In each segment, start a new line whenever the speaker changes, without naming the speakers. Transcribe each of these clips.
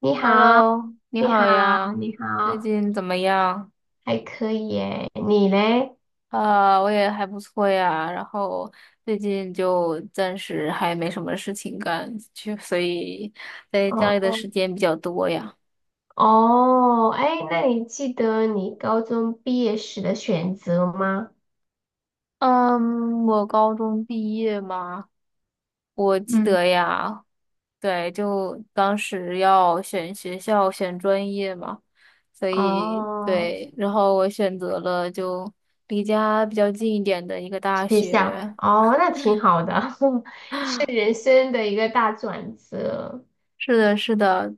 你好，
Hello，你
你
好
好，
呀，
你
最
好。
近怎么样？
还可以耶。你嘞？
啊，我也还不错呀，然后最近就暂时还没什么事情干，就所以在
哦
家里的
哦，
时间比较多呀。
哦，哎，那你记得你高中毕业时的选择吗？
嗯，我高中毕业嘛，我记
嗯。
得呀，对，就当时要选学校、选专业嘛，所以
哦，
对，然后我选择了就离家比较近一点的一个大
学校，
学。
哦，那挺好的。是人生的一个大转折。
是的，是的，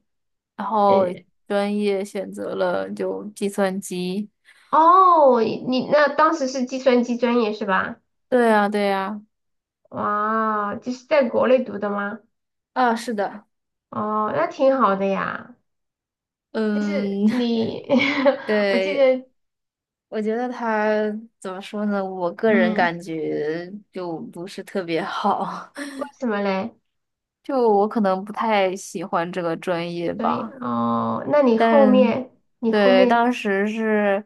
然后
呃，
专业选择了就计算机。
哦，你那当时是计算机专业是吧？
对呀，对呀，
哇，就是在国内读的吗？
啊，是的，
哦，那挺好的呀。就是
嗯，
你，我记
对，
得。
我觉得他怎么说呢？我个人
嗯。
感觉就不是特别好，
为什么嘞？
就我可能不太喜欢这个专业
对，
吧。
哦，那你后
但
面你后
对，
面
当时是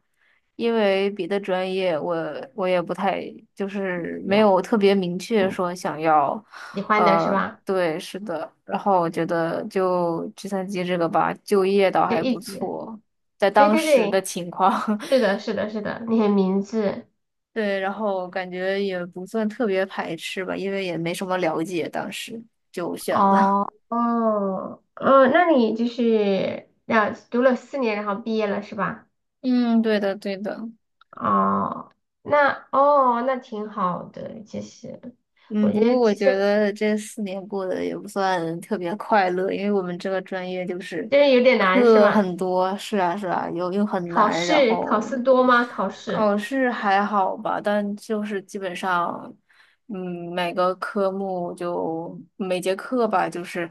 因为别的专业我也不太就是没
两
有特别明确
嗯
说想要，
喜欢的是
呃，
吧？
对，是的。然后我觉得就计算机这个吧，就业倒
就
还
一
不
直。
错，在
对
当
对
时的
对，
情况，
是 的，是的，是的，你很明智。
对，然后感觉也不算特别排斥吧，因为也没什么了解，当时就选了。
哦哦哦，那你就是那读了4年，然后毕业了是吧？
嗯，对的，对的。
哦，那挺好的。其实
嗯，
我觉
不
得
过我
其
觉
实
得这四年过得也不算特别快乐，因为我们这个专业就是
就是有点难是
课
吧？
很多，是啊是啊，又很
考
难，然
试考
后
试多吗？考试？
考试还好吧，但就是基本上，嗯，每个科目就每节课吧，就是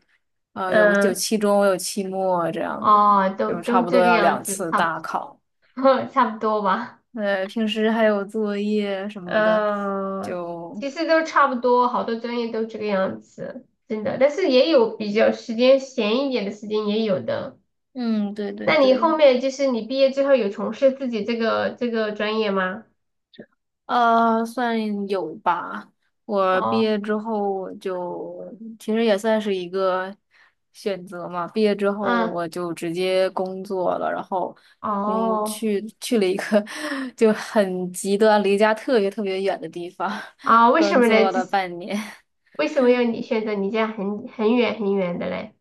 有
嗯。
期中有期末这样子，
哦，都
就差
都
不
这
多
个
要
样
两
子。
次
差
大考，
不 差不多吧。
平时还有作业什么的，
呃，
就
其实都差不多，好多专业都这个样子，真的。但是也有比较时间闲一点的时间，也有的。
嗯，对对
那你后
对。
面就是你毕业之后有从事自己这个专业吗？
算有吧。我毕
哦，
业之后我就其实也算是一个选择嘛。毕业之后
嗯，
我就直接工作了，然后工
哦，
去去了一个 就很极端、离家特别特别远的地方，
啊，为什
工
么呢？
作
就
了
是
半年。
为什么要你选择你这样很远很远的嘞？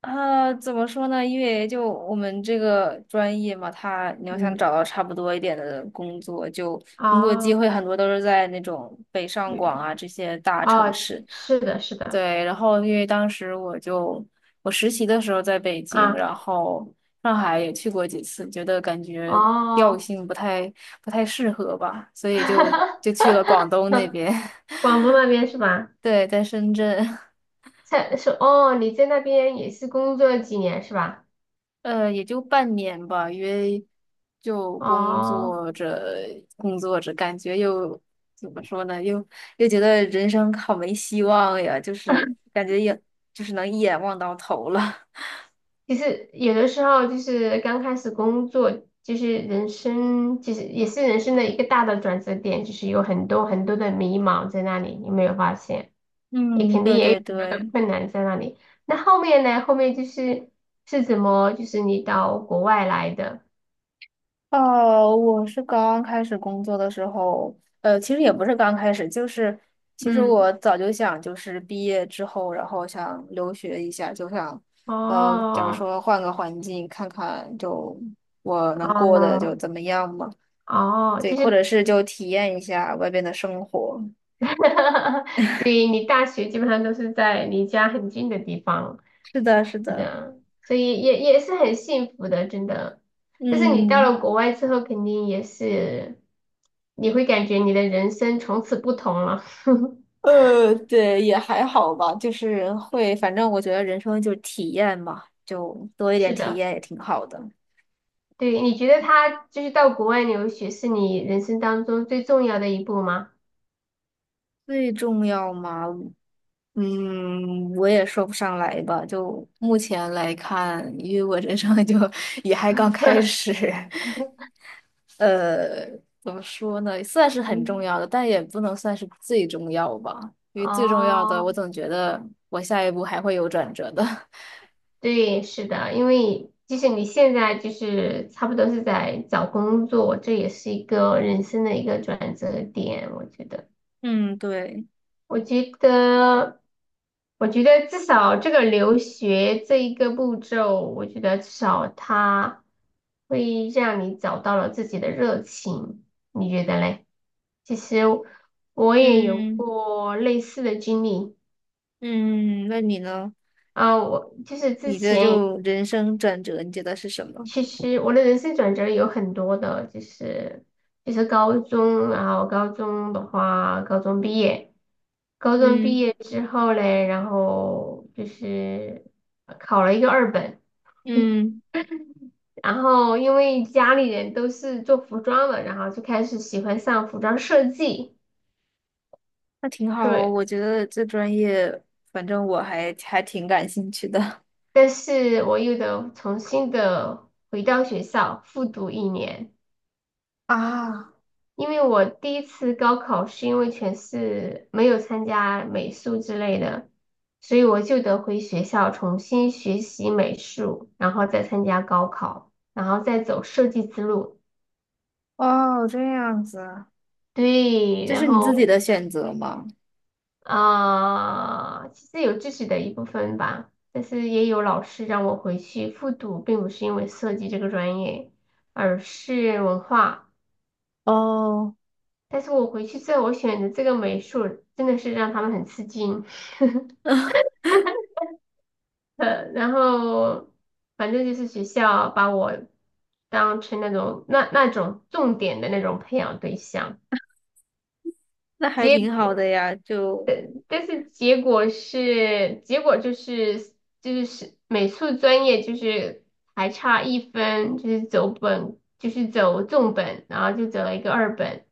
啊，怎么说呢？因为就我们这个专业嘛，它你要想
嗯，
找到差不多一点的工作，就工作机
哦，
会很多都是在那种北上广
远，
啊这些大城
哦，
市。
是的，是的，
对，然后因为当时我实习的时候在北京，
啊，
然后上海也去过几次，觉得感觉调
哦。
性不太适合吧，所以就去了广 东那边。
广东那边是吧？
对，在深圳，
是哦。你在那边也是工作了几年是吧？
也就半年吧，因为就工
哦，
作着工作着，感觉又怎么说呢，又觉得人生好没希望呀，就是感觉也就是能一眼望到头了。
其实有的时候就是刚开始工作，就是人生，就是也是人生的一个大的转折点，就是有很多很多的迷茫在那里，你有没有发现？也
嗯，
肯定
对
也
对
有很多的
对。
困难在那里。那后面呢？后面就是是怎么，就是你到国外来的？
哦，我是刚开始工作的时候，其实也不是刚开始，就是其实
嗯，
我早就想，就是毕业之后，然后想留学一下，就想，假如
哦，
说换个环境看看，就我能过得就
哦，
怎么样嘛，
哦，
对，
就
或者
是
是就体验一下外边的生活。
哈哈。对，你大学基本上都是在离家很近的地方，
是的，是
是
的，
的，所以也是很幸福的，真的。但是你到
嗯。
了国外之后，肯定也是，你会感觉你的人生从此不同了。
对，也还好吧，就是会，反正我觉得人生就是体验嘛，就多一点
是
体
的。
验也挺好的。
对，你觉得他就是到国外留学是你人生当中最重要的一步吗？
最重要吗？嗯，我也说不上来吧。就目前来看，因为我人生就 也还刚开 始，呃，怎么说呢？算是很重
嗯，
要的，但也不能算是最重要吧。因为最重要的，我
哦。
总觉得我下一步还会有转折的。
对，是的，因为即使你现在就是差不多是在找工作，这也是一个人生的一个转折点，我觉得，
嗯，对，
我觉得，至少这个留学这一个步骤，我觉得至少它会让你找到了自己的热情，你觉得嘞？其实我也有
嗯
过类似的经历。
嗯，那你呢？
啊，我就是之
你的
前。
就人生转折，你觉得是什么？
其实我的人生转折有很多的，就是高中，然后高中的话，高中毕业，高中毕
嗯
业之后嘞，然后就是考了一个二本。
嗯。
然后因为家里人都是做服装的，然后就开始喜欢上服装设计。
那挺好哦，
对。
我觉得这专业，反正我还挺感兴趣的。
但是我又得重新的回到学校复读1年。
啊，
因为我第一次高考是因为全市没有参加美术之类的，所以我就得回学校重新学习美术，然后再参加高考，然后再走设计之路。
哦，这样子，
对，
这
然
是你自
后
己的选择吗？
其实有自己的一部分吧，但是也有老师让我回去复读，并不是因为设计这个专业，而是文化。
哦，
但是我回去之后，我选的这个美术真的是让他们很吃惊。然后反正就是学校把我当成那种那种重点的那种培养对象。
那还挺
结
好的呀，就
但是结果是美术专业还差一分，就是走本就是走重本，然后就走了一个二本。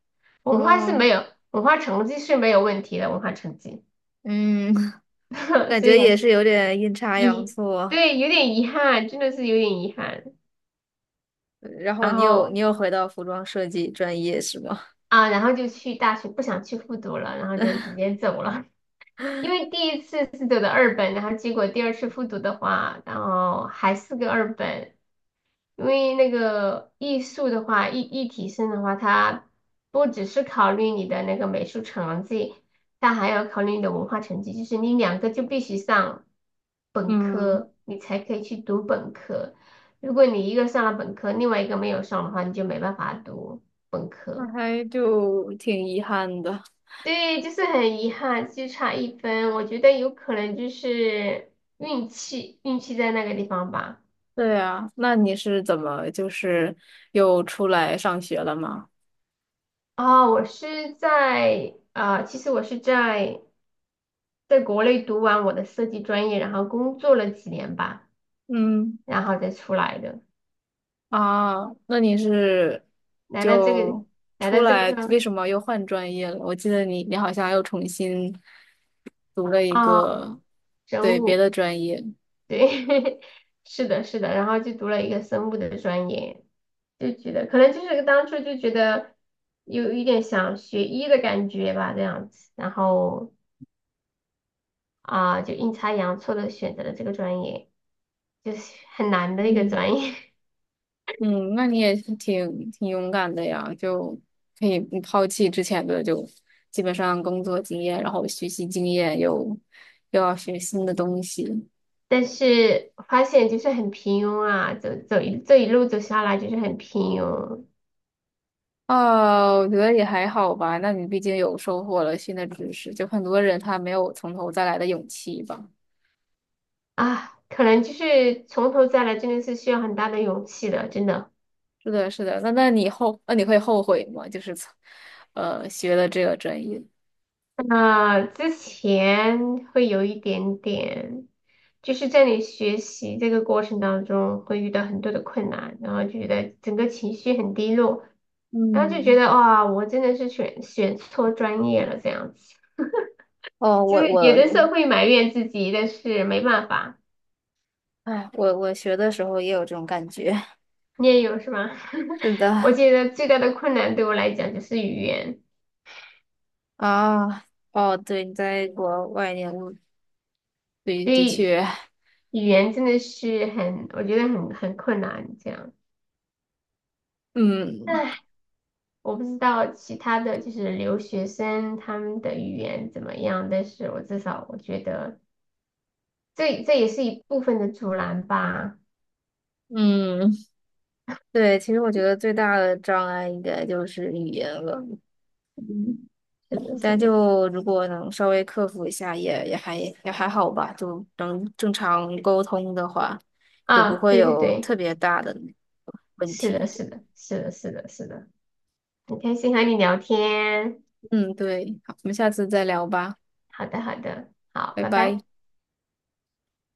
文化是没
嗯，
有文化成绩是没有问题的。文化成绩。
嗯，感
所以
觉
还
也
是
是有点阴差阳
遗
错。
对，有点遗憾，真的是有点遗憾。
然后
然
你有你
后。
有回到服装设计专业是吗？
啊，然后就去大学，不想去复读了，然后就直接走了。因为第一次是走的二本，然后结果第二次复读的话，然后还是个二本。因为那个艺术的话，艺体生的话，它不只是考虑你的那个美术成绩，它还要考虑你的文化成绩，就是你两个就必须上 本
嗯，
科，你才可以去读本科。如果你一个上了本科，另外一个没有上的话，你就没办法读本
那
科。
还就挺遗憾的。
对，就是很遗憾，就差一分。我觉得有可能就是运气，运气在那个地方吧。
对啊，那你是怎么就是又出来上学了吗？
啊、我是在啊、呃其实我是在国内读完我的设计专业，然后工作了几年吧，
嗯
然后再出来的。
啊，那你是
来到这个
就出来，
地方。
为什么又换专业了？我记得你好像又重新读了一
啊、
个，
生
对，别
物。
的专业。
对。是的，是的，然后就读了一个生物的专业。就觉得可能就是当初就觉得有一点想学医的感觉吧，这样子。然后就阴差阳错的选择了这个专业，就是很难的一个
嗯。
专业。
嗯，那你也是挺勇敢的呀，就可以不抛弃之前的就基本上工作经验，然后学习经验，又要学新的东西。
但是发现就是很平庸啊。走走一这一路走下来就是很平庸
哦，我觉得也还好吧。那你毕竟有收获了新的知识，就很多人他没有从头再来的勇气吧。
啊。可能就是从头再来真的是需要很大的勇气的，真的。
是的，是的。那你会后悔吗？就是从学了这个专业。
那之前会有一点点，就是在你学习这个过程当中会遇到很多的困难，然后就觉得整个情绪很低落，然后就觉
嗯，
得哇，我真的是选错专业了这样子。
哦，
就
我
是有
我
的
我，
时候会埋怨自己，但是没办法。
哎，我学的时候也有这种感觉。
你也有是吗？
是
我
的，
觉得最大的困难对我来讲就是语言。
啊，哦，对，你在国外念物，对，
所
的
以
确，
语言真的是很，我觉得很困难这样。
嗯
唉，我不知道其他的就是留学生他们的语言怎么样，但是我至少我觉得这也是一部分的阻拦吧。
嗯，对，其实我觉得最大的障碍应该就是语言了。
嗯，是的，
嗯
是
但
的，
就如果能稍微克服一下也，也还好吧，就能正常沟通的话，就不
啊，
会
对对
有特
对，
别大的问
是的，
题。
是的，是的，是的，是的，很开心和你聊天。
嗯，对，好，我们下次再聊吧，
好的，好的，好，
拜
拜
拜。
拜。